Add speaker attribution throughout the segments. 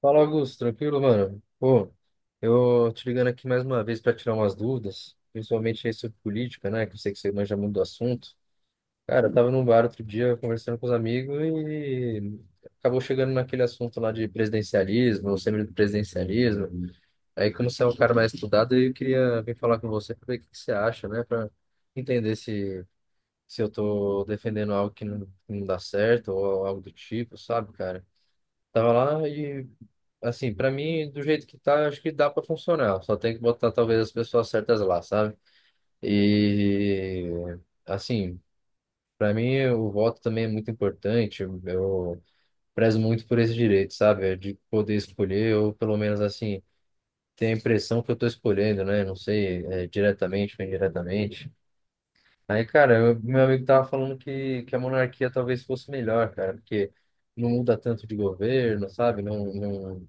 Speaker 1: Fala, Augusto, tranquilo, mano? Pô, eu te ligando aqui mais uma vez para tirar umas dúvidas, principalmente aí sobre política, né? Que eu sei que você manja muito do assunto. Cara, eu tava num bar outro dia conversando com os amigos e acabou chegando naquele assunto lá de presidencialismo, semipresidencialismo. Aí, como você é um cara mais estudado, eu queria vir falar com você para ver o que que você acha, né? Para entender se eu tô defendendo algo que não dá certo ou algo do tipo, sabe, cara? Tava lá e, assim, pra mim, do jeito que tá, acho que dá pra funcionar. Só tem que botar, talvez, as pessoas certas lá, sabe? E, assim, pra mim, o voto também é muito importante. Eu prezo muito por esse direito, sabe? É de poder escolher, ou pelo menos, assim, ter a impressão que eu tô escolhendo, né? Não sei, diretamente ou indiretamente. Aí, cara, meu amigo tava falando que a monarquia talvez fosse melhor, cara, porque não muda tanto de governo, sabe? Não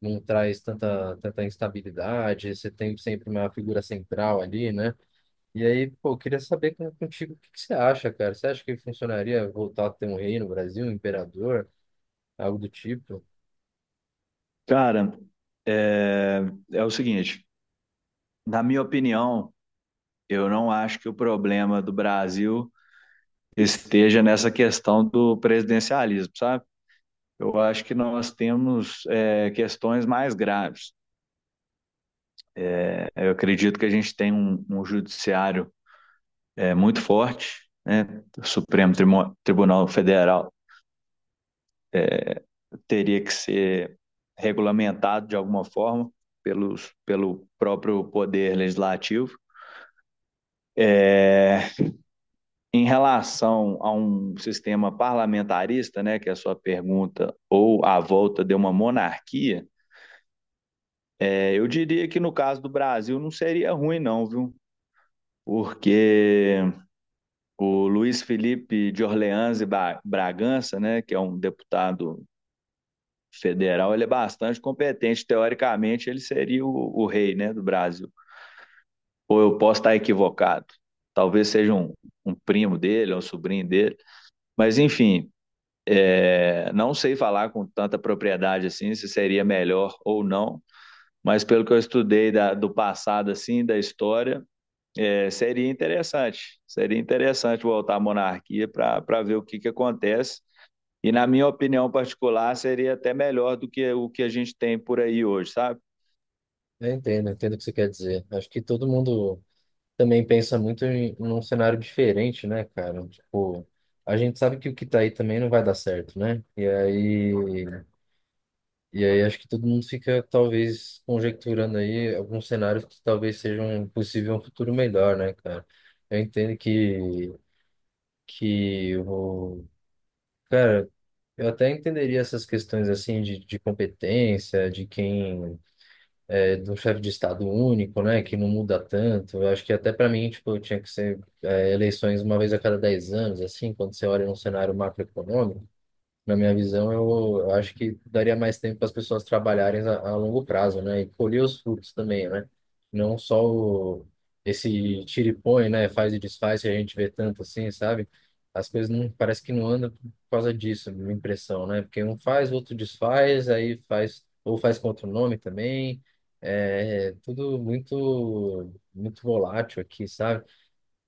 Speaker 1: não traz tanta, tanta instabilidade, você tem sempre uma figura central ali, né? E aí, pô, eu queria saber contigo o que que você acha, cara? Você acha que funcionaria voltar a ter um rei no Brasil, um imperador, algo do tipo?
Speaker 2: Cara, é, é o seguinte, na minha opinião, eu não acho que o problema do Brasil esteja nessa questão do presidencialismo, sabe? Eu acho que nós temos questões mais graves. Eu acredito que a gente tem um judiciário muito forte, né? O Supremo Tribunal Federal teria que ser regulamentado de alguma forma pelo próprio poder legislativo. É, em relação a um sistema parlamentarista, né, que é a sua pergunta, ou à volta de uma monarquia, eu diria que no caso do Brasil não seria ruim, não, viu? Porque o Luiz Felipe de Orleans e Bragança, né, que é um deputado federal, ele é bastante competente. Teoricamente, ele seria o rei, né, do Brasil. Ou eu posso estar equivocado. Talvez seja um primo dele, um sobrinho dele. Mas, enfim, não sei falar com tanta propriedade assim se seria melhor ou não, mas pelo que eu estudei do passado assim, da história, seria interessante. Seria interessante voltar à monarquia para ver o que acontece. E na minha opinião particular, seria até melhor do que o que a gente tem por aí hoje, sabe?
Speaker 1: Eu entendo o que você quer dizer. Acho que todo mundo também pensa muito num cenário diferente, né, cara? Tipo, a gente sabe que o que tá aí também não vai dar certo, né? E aí acho que todo mundo fica talvez conjecturando aí alguns cenários que talvez sejam possível um futuro melhor, né, cara? Eu entendo que o cara, eu até entenderia essas questões assim de competência, de quem é do chefe de estado único, né, que não muda tanto. Eu acho que até para mim, tipo, eu tinha que ser eleições uma vez a cada 10 anos, assim, quando você olha num cenário macroeconômico. Na minha visão, eu acho que daria mais tempo para as pessoas trabalharem a longo prazo, né? E colher os frutos também, né? Não só esse tira e põe, né? Faz e desfaz que a gente vê tanto assim, sabe? As coisas não, parece que não andam por causa disso, minha impressão, né? Porque um faz, outro desfaz, aí faz, ou faz com outro nome também. É tudo muito, muito volátil aqui, sabe?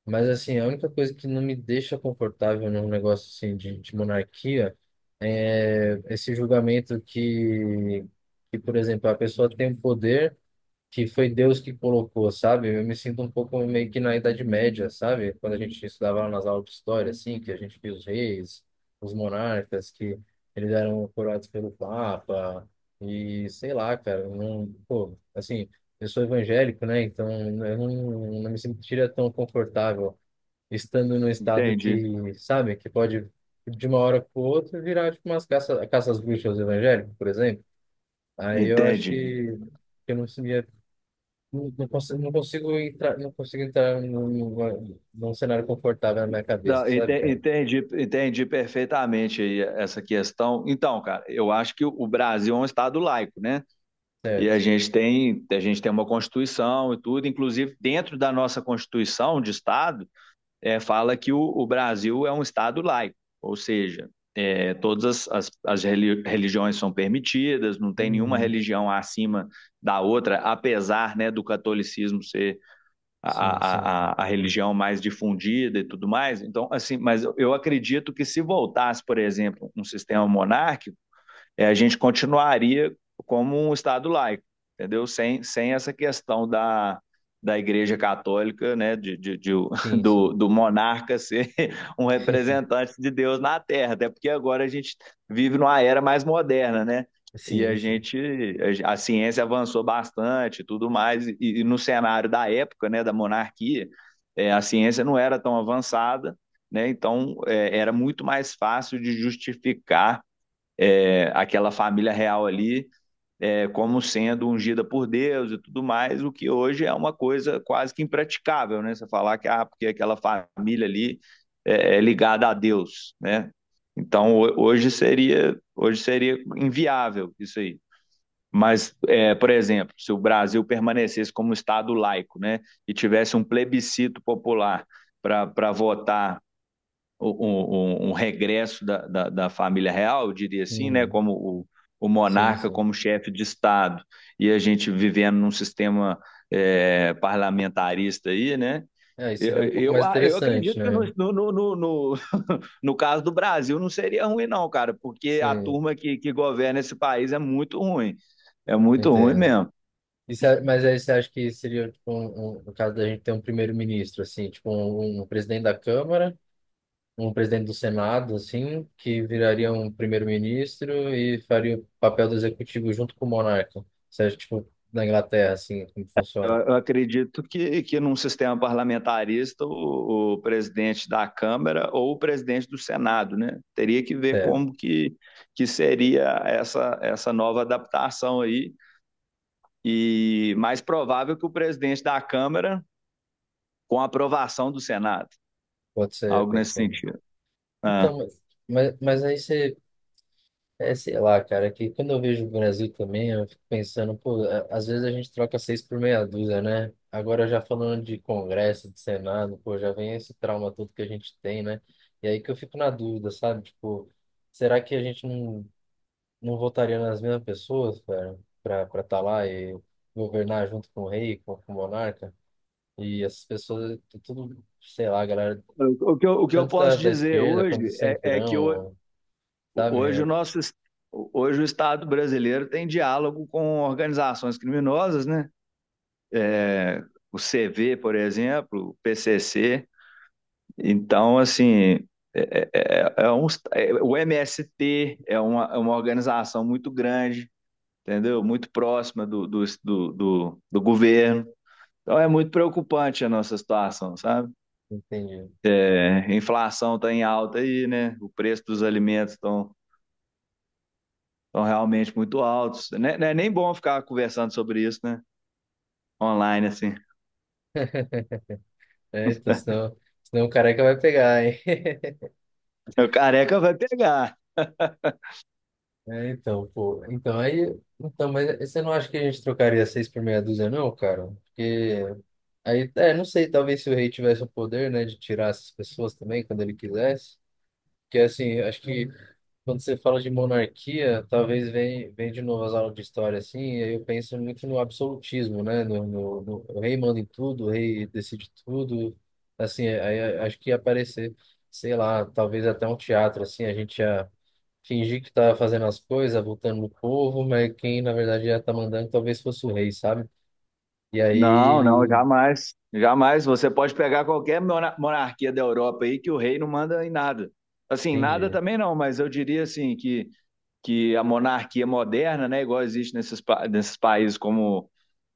Speaker 1: Mas assim, a única coisa que não me deixa confortável num negócio assim de monarquia é esse julgamento que, por exemplo, a pessoa tem um poder que foi Deus que colocou, sabe? Eu me sinto um pouco meio que na Idade Média, sabe? Quando a gente estudava lá nas aulas de história, assim, que a gente via os reis, os monarcas, que eles eram coroados pelo Papa, e sei lá, cara, não, pô, assim, eu sou evangélico, né? Então eu não me sentiria tão confortável estando num estado
Speaker 2: Entendi.
Speaker 1: que, sabe, que pode de uma hora para outra virar tipo umas caça às bruxas evangélicas, por exemplo. Aí eu acho
Speaker 2: Entendi.
Speaker 1: que eu não sabia, não consigo entrar num cenário confortável na minha cabeça,
Speaker 2: Não,
Speaker 1: sabe, cara?
Speaker 2: entendi, entendi perfeitamente aí essa questão. Então, cara, eu acho que o Brasil é um estado laico, né? E
Speaker 1: Certo.
Speaker 2: a gente tem uma Constituição e tudo, inclusive dentro da nossa Constituição de Estado, fala que o Brasil é um Estado laico, ou seja, todas as religiões são permitidas, não tem nenhuma
Speaker 1: Uhum.
Speaker 2: religião acima da outra, apesar né, do catolicismo ser
Speaker 1: Sim, sim.
Speaker 2: a a, religião mais difundida e tudo mais. Então, assim, mas eu acredito que se voltasse, por exemplo, um sistema monárquico, a gente continuaria como um Estado laico, entendeu? Sem essa questão da Igreja Católica, né,
Speaker 1: Sim, sim.
Speaker 2: do monarca ser um representante de Deus na Terra, até porque agora a gente vive numa era mais moderna, né? E a
Speaker 1: Sim, sim.
Speaker 2: gente, a ciência avançou bastante, tudo mais, e no cenário da época, né, da monarquia, a ciência não era tão avançada, né? Então, era muito mais fácil de justificar aquela família real ali como sendo ungida por Deus e tudo mais, o que hoje é uma coisa quase que impraticável, né? Você falar que ah, porque aquela família ali é ligada a Deus, né? Então hoje seria inviável isso aí. Mas, por exemplo, se o Brasil permanecesse como Estado laico, né, e tivesse um plebiscito popular para votar um regresso da família real, eu diria assim, né,
Speaker 1: Uhum.
Speaker 2: como o
Speaker 1: Sim,
Speaker 2: monarca
Speaker 1: sim.
Speaker 2: como chefe de Estado, e a gente vivendo num sistema parlamentarista aí, né?
Speaker 1: É, isso seria um pouco mais
Speaker 2: Eu
Speaker 1: interessante,
Speaker 2: acredito que
Speaker 1: né?
Speaker 2: no caso do Brasil não seria ruim, não, cara, porque a
Speaker 1: Sim,
Speaker 2: turma que governa esse país é muito ruim. É muito ruim
Speaker 1: entendo.
Speaker 2: mesmo.
Speaker 1: Isso é- mas aí você acha que seria, tipo, no caso da gente ter um primeiro-ministro, assim, tipo, um presidente da Câmara, um presidente do Senado, assim, que viraria um primeiro-ministro e faria o papel do executivo junto com o monarca. Você acha, tipo, na Inglaterra, assim, como funciona?
Speaker 2: Eu acredito que num sistema parlamentarista, o presidente da Câmara ou o presidente do Senado, né? Teria que ver
Speaker 1: Certo,
Speaker 2: como que seria essa nova adaptação aí. E mais provável que o presidente da Câmara com a aprovação do Senado,
Speaker 1: pode ser,
Speaker 2: algo
Speaker 1: pode
Speaker 2: nesse
Speaker 1: ser.
Speaker 2: sentido. Ah.
Speaker 1: Então, mas aí você sei lá, cara, que quando eu vejo o Brasil também, eu fico pensando, pô, às vezes a gente troca seis por meia dúzia, né? Agora já falando de Congresso, de Senado, pô, já vem esse trauma todo que a gente tem, né? E aí que eu fico na dúvida, sabe? Tipo, será que a gente não votaria nas mesmas pessoas, cara, pra estar tá lá e governar junto com o rei, com o monarca? E essas pessoas, tudo, sei lá, galera,
Speaker 2: O que eu
Speaker 1: tanto
Speaker 2: posso
Speaker 1: da
Speaker 2: dizer
Speaker 1: esquerda quanto do
Speaker 2: hoje é que o,
Speaker 1: centrão,
Speaker 2: hoje o
Speaker 1: sabe?
Speaker 2: nosso hoje o Estado brasileiro tem diálogo com organizações criminosas, né? É, o CV, por exemplo, o PCC. Então, assim, é um, é, o MST é uma organização muito grande, entendeu? Muito próxima do governo. Então é muito preocupante a nossa situação, sabe?
Speaker 1: Entende?
Speaker 2: É, a inflação está em alta aí, né? O preço dos alimentos estão estão realmente muito altos. Não é, não é nem bom ficar conversando sobre isso, né? Online, assim.
Speaker 1: É, então, senão o careca vai pegar, hein?
Speaker 2: O careca vai pegar.
Speaker 1: É, então, pô. Então, aí. Então, mas você não acha que a gente trocaria seis por meia dúzia, não, cara? Porque. Aí, é, não sei, talvez se o rei tivesse o poder, né, de tirar essas pessoas também quando ele quisesse. Porque, assim, acho que quando você fala de monarquia, talvez vem de novo as aulas de história, assim, e aí eu penso muito no absolutismo, né? O rei manda em tudo, o rei decide tudo, assim, aí eu acho que ia aparecer, sei lá, talvez até um teatro, assim, a gente ia fingir que estava fazendo as coisas, votando no povo, mas quem, na verdade, ia estar mandando talvez fosse o rei, sabe? E aí,
Speaker 2: Não, não, jamais. Jamais. Você pode pegar qualquer monarquia da Europa aí que o rei não manda em nada. Assim, nada
Speaker 1: entendi.
Speaker 2: também não, mas eu diria assim que a monarquia moderna, né, igual existe nesses, nesses países como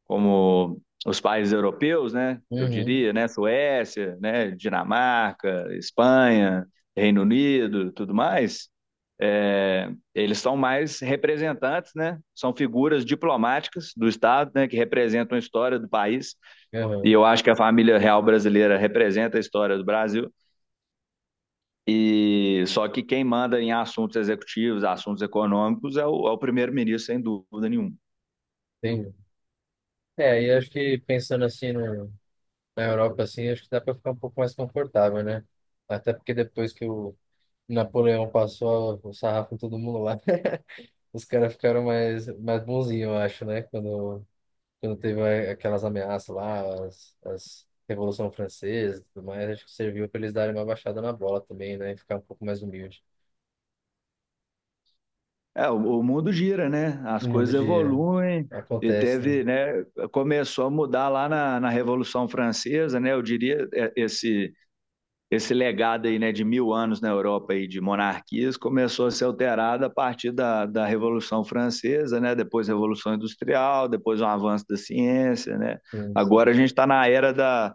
Speaker 2: como os países europeus, né? Eu
Speaker 1: Uhum,
Speaker 2: diria, né? Suécia, né? Dinamarca, Espanha, Reino Unido, tudo mais. É, eles são mais representantes, né? São figuras diplomáticas do Estado, né? Que representam a história do país. E
Speaker 1: uhum,
Speaker 2: eu acho que a família real brasileira representa a história do Brasil. E só que quem manda em assuntos executivos, assuntos econômicos, é é o primeiro-ministro, sem dúvida nenhuma.
Speaker 1: entendi. É, e acho que pensando assim no na Europa, assim, acho que dá para ficar um pouco mais confortável, né? Até porque depois que o Napoleão passou o sarrafo em todo mundo lá, os caras ficaram mais, mais bonzinhos, eu acho, né? Quando teve aquelas ameaças lá, as Revolução Francesa e tudo mais, acho que serviu para eles darem uma baixada na bola também, né? E ficar um pouco mais humilde.
Speaker 2: É, o mundo gira, né? As
Speaker 1: No mundo
Speaker 2: coisas
Speaker 1: de...
Speaker 2: evoluem e
Speaker 1: acontece, né?
Speaker 2: teve, né? Começou a mudar lá na Revolução Francesa, né? Eu diria esse esse legado aí, né, de 1000 anos na Europa aí de monarquias começou a ser alterado a partir da Revolução Francesa, né? Depois a Revolução Industrial, depois um avanço da ciência, né?
Speaker 1: Sim, sim.
Speaker 2: Agora a gente está na era da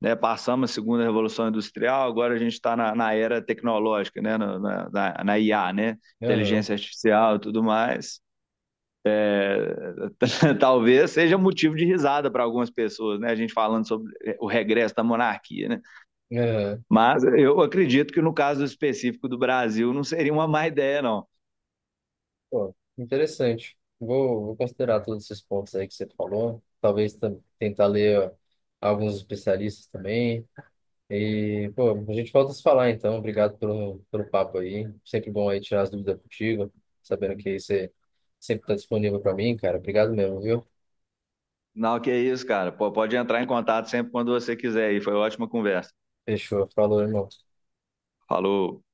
Speaker 2: né, passamos a segunda revolução industrial, agora a gente está na era tecnológica, né, na IA, né,
Speaker 1: Aham,
Speaker 2: inteligência artificial e tudo mais. Talvez seja motivo de risada para algumas pessoas, né, a gente falando sobre o regresso da monarquia, né.
Speaker 1: aham.
Speaker 2: Mas eu acredito que no caso específico do Brasil não seria uma má ideia, não.
Speaker 1: Pô, interessante. Vou considerar todos esses pontos aí que você falou. Talvez tentar ler ó, alguns especialistas também. E, pô, a gente volta a se falar então. Obrigado pelo papo aí. Sempre bom aí tirar as dúvidas contigo. Sabendo que aí você sempre está disponível para mim, cara. Obrigado mesmo, viu?
Speaker 2: Não, que é isso, cara. Pô, pode entrar em contato sempre quando você quiser. E foi uma ótima conversa.
Speaker 1: Fechou. Falou, irmão.
Speaker 2: Falou.